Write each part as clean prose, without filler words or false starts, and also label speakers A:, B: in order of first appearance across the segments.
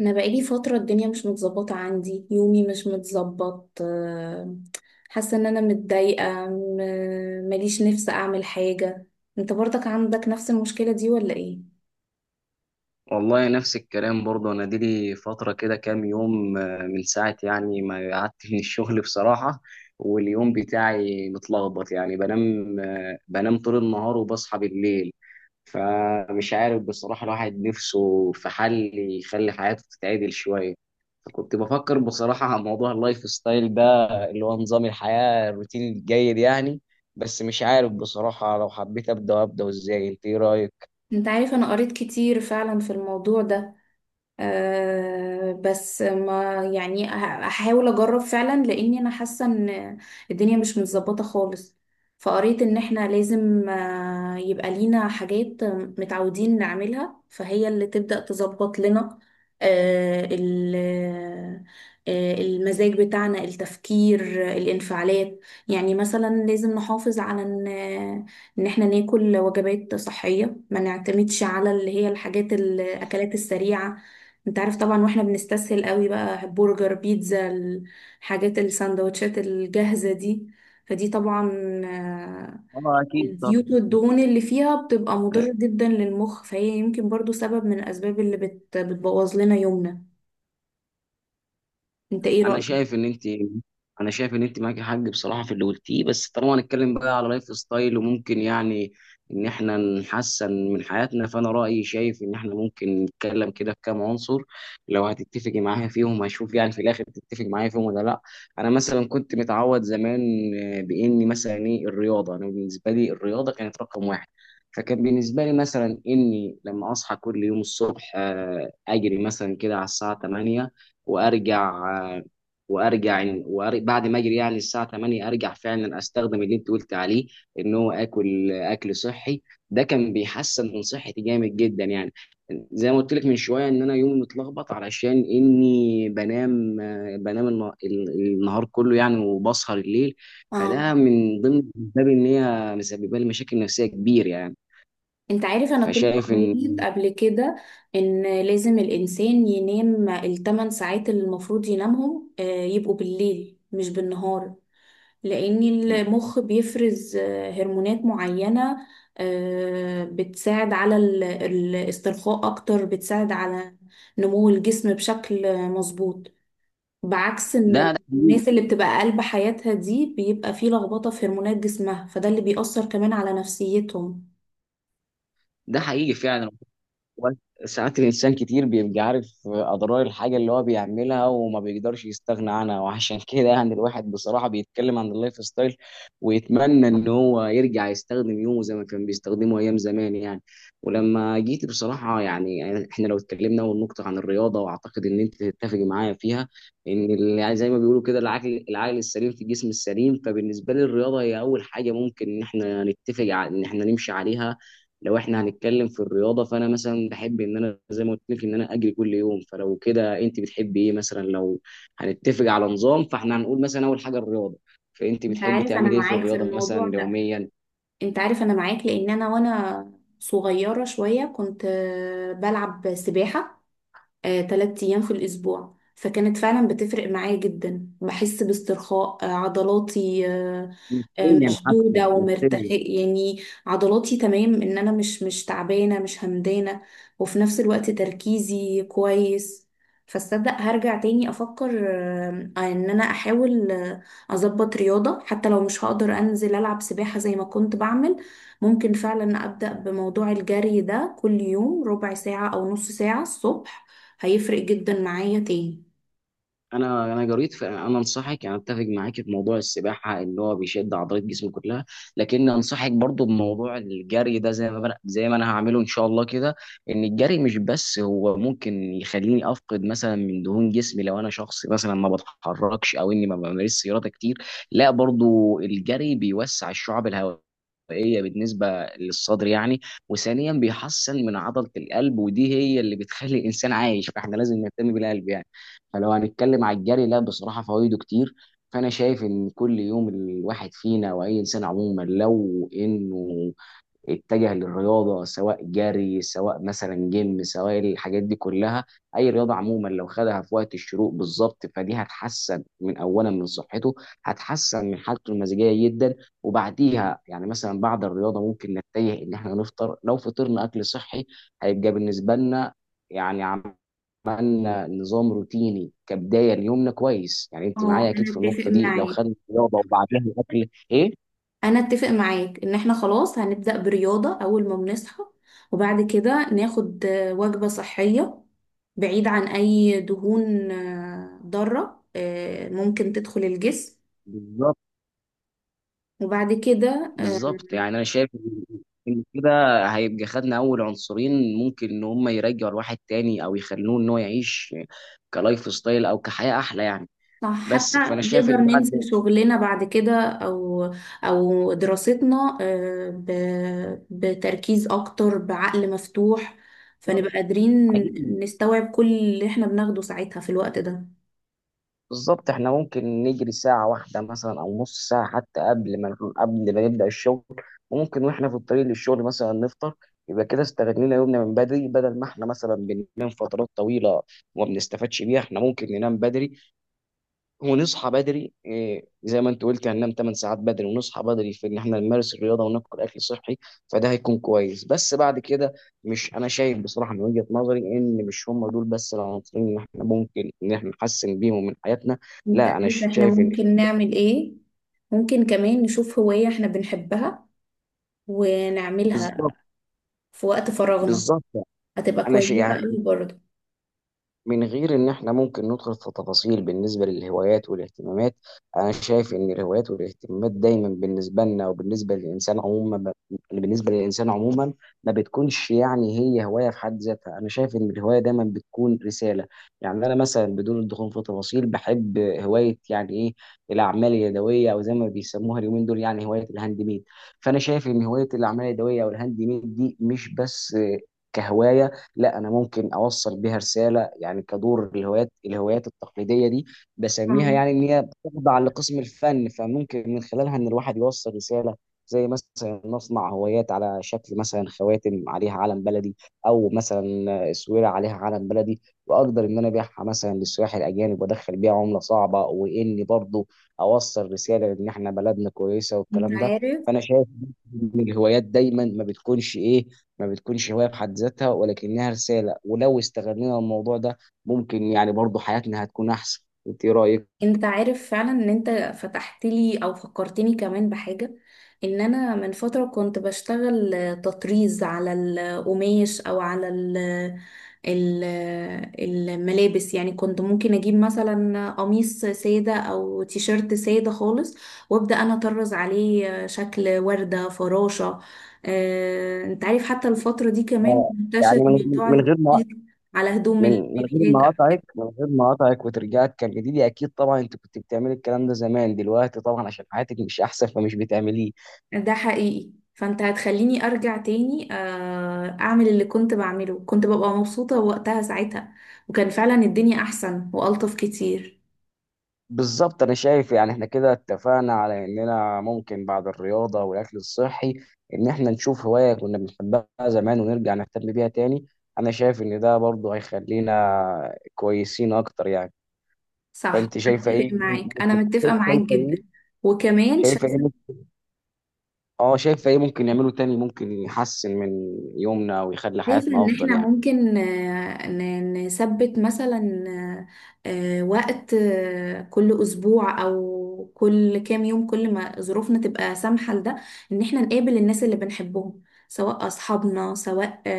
A: انا بقالي فتره، الدنيا مش متظبطه عندي، يومي مش متظبط. حاسه ان انا متضايقه، ماليش نفس اعمل حاجه. انت برضك عندك نفس المشكله دي ولا ايه؟
B: والله نفس الكلام برضه انا دي لي فتره كده كام يوم، من ساعه يعني ما قعدت من الشغل بصراحه. واليوم بتاعي متلخبط يعني بنام طول النهار وبصحى بالليل. فمش عارف بصراحه الواحد نفسه في حل يخلي حياته تتعدل شويه. فكنت بفكر بصراحه على موضوع اللايف ستايل ده، اللي هو نظام الحياه الروتين الجيد يعني. بس مش عارف بصراحه لو حبيت ابدا ازاي. انت ايه رايك؟
A: انت عارف، انا قريت كتير فعلا في الموضوع ده. أه، بس ما يعني هحاول اجرب فعلا، لاني انا حاسه ان الدنيا مش متظبطه خالص. فقريت ان احنا لازم يبقى لينا حاجات متعودين نعملها، فهي اللي تبدأ تظبط لنا أه ال- المزاج بتاعنا، التفكير، الانفعالات. يعني مثلا لازم نحافظ على ان ان احنا ناكل وجبات صحية، ما نعتمدش على اللي هي الحاجات، الاكلات السريعة. انت عارف طبعا، واحنا بنستسهل قوي بقى برجر، بيتزا، الحاجات، السندوتشات الجاهزة دي. فدي طبعا آه،
B: اه، اكيد
A: الزيوت
B: طبعا.
A: والدهون اللي فيها بتبقى مضرة جدا للمخ، فهي يمكن برضو سبب من الأسباب اللي بتبوظ لنا يومنا. انت ايه
B: انا
A: رأيك؟
B: شايف ان انت انا شايف ان انت معاكي حق بصراحه في اللي قلتيه، بس طالما هنتكلم بقى على لايف ستايل وممكن يعني ان احنا نحسن من حياتنا، فانا رايي شايف ان احنا ممكن نتكلم كده في كام عنصر. لو هتتفقي معايا فيهم هشوف يعني في الاخر تتفقي معايا فيهم ولا لا. انا مثلا كنت متعود زمان، باني مثلا ايه الرياضه. انا بالنسبه لي الرياضه كانت رقم واحد. فكان بالنسبه لي مثلا اني لما اصحى كل يوم الصبح اجري مثلا كده على الساعه 8. وارجع آه، وارجع وأر- بعد ما اجري يعني الساعه 8 ارجع فعلا استخدم اللي انت قلت عليه، ان هو اكل صحي. ده كان بيحسن من صحتي جامد جدا يعني. زي ما قلت لك من شويه ان انا يومي متلخبط علشان اني بنام آه، بنام الن- ال- النهار كله يعني وبسهر الليل.
A: اه،
B: فده من ضمن الاسباب ان هي مسببه لي مشاكل نفسيه كبيره يعني.
A: انت عارف، انا كنت
B: فشايف ان
A: قريت قبل كده ان لازم الانسان ينام 8 ساعات اللي المفروض ينامهم يبقوا بالليل مش بالنهار، لأن المخ بيفرز هرمونات معينة بتساعد على الاسترخاء أكتر، بتساعد على نمو الجسم بشكل مظبوط، بعكس
B: ده
A: إن
B: ده حقيقي.
A: الناس اللي بتبقى قلب حياتها دي بيبقى فيه لخبطة في هرمونات جسمها، فده اللي بيأثر كمان على نفسيتهم.
B: ده حقيقي فعلا. ساعات الإنسان كتير بيبقى عارف أضرار الحاجة اللي هو بيعملها وما بيقدرش يستغنى عنها، وعشان كده يعني الواحد بصراحة بيتكلم عن اللايف ستايل ويتمنى إن هو يرجع يستخدم يومه زي ما كان بيستخدمه أيام زمان يعني. ولما جيت بصراحة يعني إحنا لو اتكلمنا أول نقطة عن الرياضة، وأعتقد إن أنت تتفق معايا فيها، إن يعني زي ما بيقولوا كده، العقل السليم في الجسم السليم. فبالنسبة لي الرياضة هي أول حاجة ممكن إن إحنا نتفق على إن إحنا نمشي عليها. لو احنا هنتكلم في الرياضه، فانا مثلا بحب ان انا زي ما قلت لك ان انا اجري كل يوم. فلو كده انت بتحبي ايه مثلا؟ لو هنتفق على نظام فاحنا هنقول مثلا اول حاجه الرياضه، فانت
A: انت
B: بتحبي
A: عارف، انا
B: تعملي ايه في
A: معاك في
B: الرياضه
A: الموضوع
B: مثلا
A: ده.
B: يوميا؟
A: انت عارف، انا معاك لان انا وانا صغيرة شوية كنت بلعب سباحة 3 أيام في الأسبوع، فكانت فعلا بتفرق معايا جدا. بحس باسترخاء عضلاتي
B: نفسيا حتى.
A: مشدودة
B: نفسيا.
A: ومرتخية، يعني عضلاتي تمام، ان انا مش تعبانة، مش همدانة. وفي نفس الوقت تركيزي كويس. فاصدق هرجع تاني افكر ان انا احاول اظبط رياضة. حتى لو مش هقدر انزل العب سباحة زي ما كنت بعمل، ممكن فعلا ابدأ بموضوع الجري ده كل يوم ربع ساعة او نص ساعة الصبح، هيفرق جدا معايا تاني.
B: انا جريت، انا انصحك، انا اتفق معاك في موضوع السباحه اللي هو بيشد عضلات جسمك كلها. لكن انصحك برضو بموضوع الجري ده، زي ما انا هعمله ان شاء الله كده. ان الجري مش بس هو ممكن يخليني افقد مثلا من دهون جسمي لو انا شخص مثلا ما بتحركش او اني ما بمارسش رياضه كتير، لا، برضو الجري بيوسع الشعب الهوائيه بالنسبه للصدر يعني. وثانيا بيحسن من عضله القلب، ودي هي اللي بتخلي الانسان عايش، فاحنا لازم نهتم بالقلب يعني. فلو هنتكلم على الجري، لا بصراحة فوائده كتير. فأنا شايف إن كل يوم الواحد فينا وأي إنسان عموما لو إنه اتجه للرياضة، سواء جري، سواء مثلا جيم، سواء الحاجات دي كلها، أي رياضة عموما، لو خدها في وقت الشروق بالظبط فدي هتحسن من أولا من صحته، هتحسن من حالته المزاجية جدا. وبعديها يعني مثلا بعد الرياضة ممكن نتجه إن إحنا نفطر. لو فطرنا أكل صحي هيبقى بالنسبة لنا يعني عملنا نظام روتيني كبدايه ليومنا كويس يعني. انت معايا
A: اه،
B: اكيد في
A: انا اتفق
B: النقطه دي لو
A: معاك.
B: خدنا الرياضه وبعدها الاكل ايه.
A: انا اتفق معاك ان احنا خلاص هنبدأ برياضة اول ما بنصحى، وبعد كده ناخد وجبة صحية بعيد عن اي دهون ضارة ممكن تدخل الجسم.
B: بالظبط.
A: وبعد كده
B: بالظبط يعني انا شايف إن كده هيبقى خدنا اول عنصرين ممكن ان هم يرجعوا الواحد تاني او يخلوه ان هو يعيش كلايف ستايل او كحياه احلى يعني.
A: صح، حتى
B: بس فانا شايف
A: نقدر
B: ان
A: ننزل
B: بعد.
A: شغلنا بعد كده او دراستنا بتركيز اكتر، بعقل مفتوح، فنبقى قادرين نستوعب كل اللي احنا بناخده ساعتها في الوقت ده.
B: بالظبط، احنا ممكن نجري ساعة واحدة مثلا أو نص ساعة حتى قبل ما نبدأ الشغل. وممكن واحنا في الطريق للشغل مثلا نفطر. يبقى كده استغلينا يومنا من بدري بدل ما احنا مثلا بننام فترات طويلة وما بنستفادش بيها. احنا ممكن ننام بدري ونصحى بدري إيه، زي ما انت قلت هننام 8 ساعات بدري ونصحى بدري في ان احنا نمارس الرياضه وناكل اكل صحي. فده هيكون كويس بس بعد كده. مش، انا شايف بصراحه من وجهه نظري ان مش هم دول بس العناصرين اللي احنا ممكن ان احنا نحسن بيهم من حياتنا.
A: انت
B: لا، انا
A: عارف، احنا
B: شايف ان.
A: ممكن نعمل ايه؟ ممكن كمان نشوف هواية احنا بنحبها ونعملها
B: بالظبط.
A: في وقت فراغنا،
B: بالظبط.
A: هتبقى
B: انا شايف
A: كويسة
B: يعني،
A: قوي برضه.
B: من غير ان احنا ممكن ندخل في تفاصيل بالنسبه للهوايات والاهتمامات، انا شايف ان الهوايات والاهتمامات دايما بالنسبه لنا وبالنسبه للانسان عموما بالنسبه للانسان عموما ما بتكونش يعني هي هوايه في حد ذاتها. انا شايف ان الهوايه دايما بتكون رساله. يعني انا مثلا بدون الدخول في تفاصيل، بحب هوايه يعني ايه، الاعمال اليدويه، او زي ما بيسموها اليومين دول يعني هوايه الهاند ميد. فانا شايف ان هوايه الاعمال اليدويه او الهاند ميد دي مش بس كهوايه، لا، انا ممكن اوصل بيها رساله. يعني كدور الهوايات التقليديه دي بسميها،
A: مم.
B: يعني ان هي بتخضع لقسم الفن، فممكن من خلالها ان الواحد يوصل رساله. زي مثلا نصنع هوايات على شكل مثلا خواتم عليها علم بلدي، او مثلا اسوره عليها علم بلدي، واقدر ان انا ابيعها مثلا للسياح الاجانب وادخل بيها عمله صعبه، واني برضو اوصل رساله ان احنا بلدنا كويسه
A: انت
B: والكلام ده.
A: عارف.
B: فانا شايف ان الهوايات دايما ما بتكونش ايه، ما بتكونش هواية في حد ذاتها، ولكنها رسالة. ولو استغلنا الموضوع ده ممكن يعني برضو حياتنا هتكون أحسن. أنت إيه رأيك؟
A: انت عارف فعلا ان انت فتحت لي او فكرتني كمان بحاجة. ان انا من فترة كنت بشتغل تطريز على القماش او على ال- الملابس. يعني كنت ممكن اجيب مثلا قميص سادة او تيشيرت سادة خالص، وابدأ انا اطرز عليه شكل وردة، فراشة. اه، انت عارف، حتى الفترة دي كمان
B: آه،
A: منتشر
B: يعني من
A: موضوع
B: من غير ما
A: التطريز على هدوم
B: من من غير
A: البيبيات
B: ما
A: او
B: أقاطعك
A: كده.
B: من غير ما أقاطعك وترجعك، كان جديد أكيد طبعا. أنت كنت بتعملي الكلام ده زمان، دلوقتي طبعا عشان حياتك مش أحسن فمش بتعمليه.
A: ده حقيقي. فانت هتخليني ارجع تاني اعمل اللي كنت بعمله. كنت ببقى مبسوطة وقتها ساعتها، وكان فعلا الدنيا احسن والطف كتير.
B: بالظبط، انا شايف يعني احنا كده اتفقنا على اننا ممكن بعد الرياضه والاكل الصحي ان احنا نشوف هوايه كنا بنحبها زمان ونرجع نهتم بيها تاني. انا شايف ان ده برضه هيخلينا كويسين اكتر يعني.
A: صح،
B: فانت شايفه
A: اتفق
B: ايه
A: معاك. انا
B: ممكن.
A: متفقة معاك
B: شايفه
A: جدا.
B: ايه
A: وكمان
B: شايفه ايه ممكن- اه شايفه ايه ممكن نعمله تاني ممكن يحسن من يومنا ويخلي
A: شايفة
B: حياتنا
A: إن
B: افضل
A: إحنا
B: يعني؟
A: ممكن نثبت مثلا وقت كل أسبوع أو كل كام يوم، كل ما ظروفنا تبقى سامحة لده، إن إحنا نقابل الناس اللي بنحبهم، سواء أصحابنا، سواء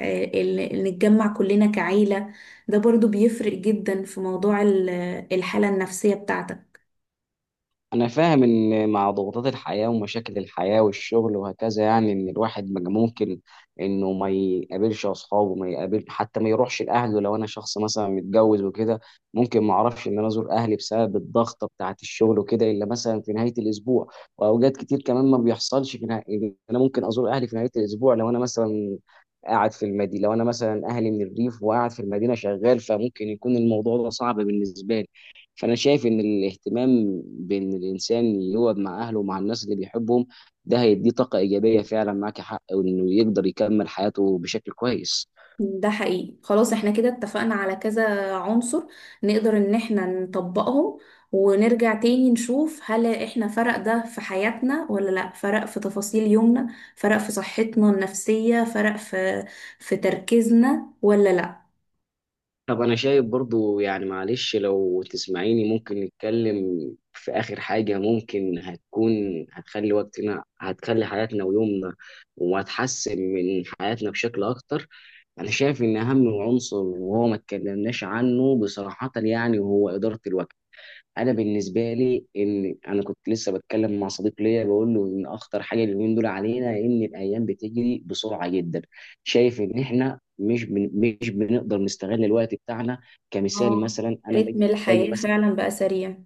A: نتجمع كلنا كعيلة. ده برضو بيفرق جدا في موضوع الحالة النفسية بتاعتك.
B: أنا فاهم إن مع ضغوطات الحياة ومشاكل الحياة والشغل وهكذا، يعني إن الواحد ما ممكن إنه ما يقابلش أصحابه، ما يقابل حتى، ما يروحش لأهله. لو أنا شخص مثلا متجوز وكده، ممكن ما أعرفش إن أنا أزور أهلي بسبب الضغطة بتاعة الشغل وكده إلا مثلا في نهاية الأسبوع. وأوقات كتير كمان ما بيحصلش في نهاية، إن أنا ممكن أزور أهلي في نهاية الأسبوع لو أنا مثلا قاعد في المدينة، لو أنا مثلا أهلي من الريف وقاعد في المدينة شغال، فممكن يكون الموضوع ده صعب بالنسبة لي. فانا شايف ان الاهتمام بان الانسان يقعد مع اهله ومع الناس اللي بيحبهم، ده هيديه طاقه ايجابيه، فعلا معاك حق، وانه يقدر يكمل حياته بشكل كويس.
A: ده حقيقي، خلاص احنا كده اتفقنا على كذا عنصر، نقدر ان احنا نطبقهم، ونرجع تاني نشوف هل احنا فرق ده في حياتنا ولا لا، فرق في تفاصيل يومنا، فرق في صحتنا النفسية، فرق في تركيزنا ولا لا.
B: طب انا شايف برضو يعني معلش لو تسمعيني ممكن نتكلم في اخر حاجه ممكن هتكون، هتخلي وقتنا هتخلي حياتنا ويومنا، وهتحسن من حياتنا بشكل اكتر. انا شايف ان اهم عنصر وهو ما اتكلمناش عنه بصراحه يعني، هو اداره الوقت. انا بالنسبه لي، ان انا كنت لسه بتكلم مع صديق ليا بقول له ان اخطر حاجه اليومين دول علينا، ان الايام بتجري بسرعه جدا. شايف ان احنا مش بنقدر نستغل الوقت بتاعنا. كمثال
A: اه،
B: مثلا، انا
A: رتم
B: باجي
A: الحياة
B: مثلا.
A: فعلا بقى سريع.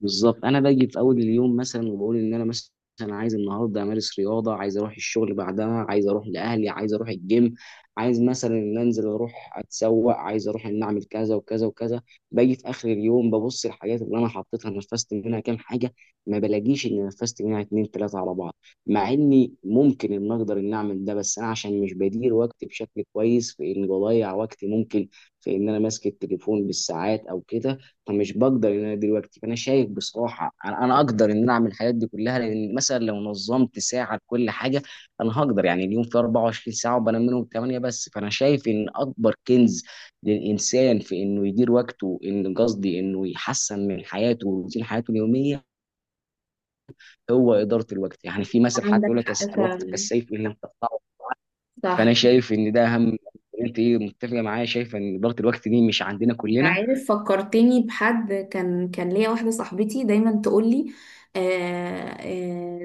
B: بالظبط، انا باجي في اول اليوم مثلا وبقول ان انا مثلا عايز النهارده امارس رياضه، عايز اروح الشغل بعدها، عايز اروح لاهلي، عايز اروح الجيم، عايز مثلا ان انزل اروح اتسوق، عايز اروح ان اعمل كذا وكذا وكذا. باجي في اخر اليوم ببص الحاجات اللي انا حطيتها، نفذت منها كام حاجه؟ ما بلاقيش ان نفذت منها اتنين تلاته على بعض. مع اني ممكن ان اقدر ان اعمل ده، بس انا عشان مش بدير وقتي بشكل كويس، في ان بضيع وقتي ممكن في ان انا ماسك التليفون بالساعات او كده. فمش بقدر ان انا دلوقتي، فانا شايف بصراحه أنا اقدر ان انا اعمل الحاجات دي كلها، لان مثلا لو نظمت ساعه لكل حاجه انا هقدر. يعني اليوم فيه 24 ساعه وبنام منهم 8 بس. فانا شايف ان اكبر كنز للانسان في انه يدير وقته، ان قصدي انه يحسن من حياته وروتين حياته اليوميه، هو اداره الوقت. يعني في مثل حتى
A: عندك
B: يقول لك
A: حق
B: الوقت
A: فعلا،
B: كالسيف ان لم تقطعه.
A: صح.
B: فانا شايف ان ده اهم. انت ايه، متفقه معايا شايفه ان اداره الوقت دي مش عندنا
A: انت
B: كلنا؟
A: عارف، فكرتني بحد، كان ليا واحدة صاحبتي دايما تقولي، آه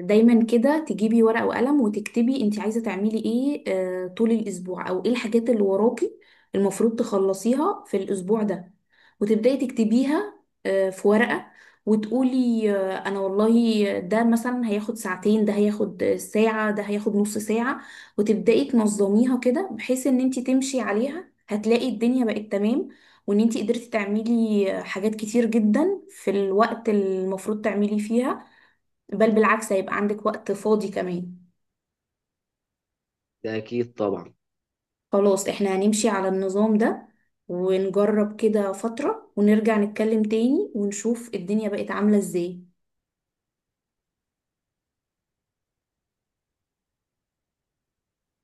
A: دايما كده تجيبي ورقة وقلم وتكتبي انت عايزة تعملي ايه طول الاسبوع او ايه الحاجات اللي وراكي المفروض تخلصيها في الاسبوع ده، وتبدأي تكتبيها في ورقة، وتقولي انا والله ده مثلا هياخد ساعتين، ده هياخد ساعة، ده هياخد نص ساعة، وتبدأي تنظميها كده بحيث ان انت تمشي عليها، هتلاقي الدنيا بقت تمام. وان انتي قدرتي تعملي حاجات كتير جدا في الوقت المفروض تعملي فيها، بل بالعكس هيبقى عندك وقت فاضي كمان.
B: ده اكيد طبعا.
A: خلاص احنا هنمشي على النظام ده ونجرب كده فترة، ونرجع نتكلم تاني ونشوف الدنيا بقت عاملة ازاي.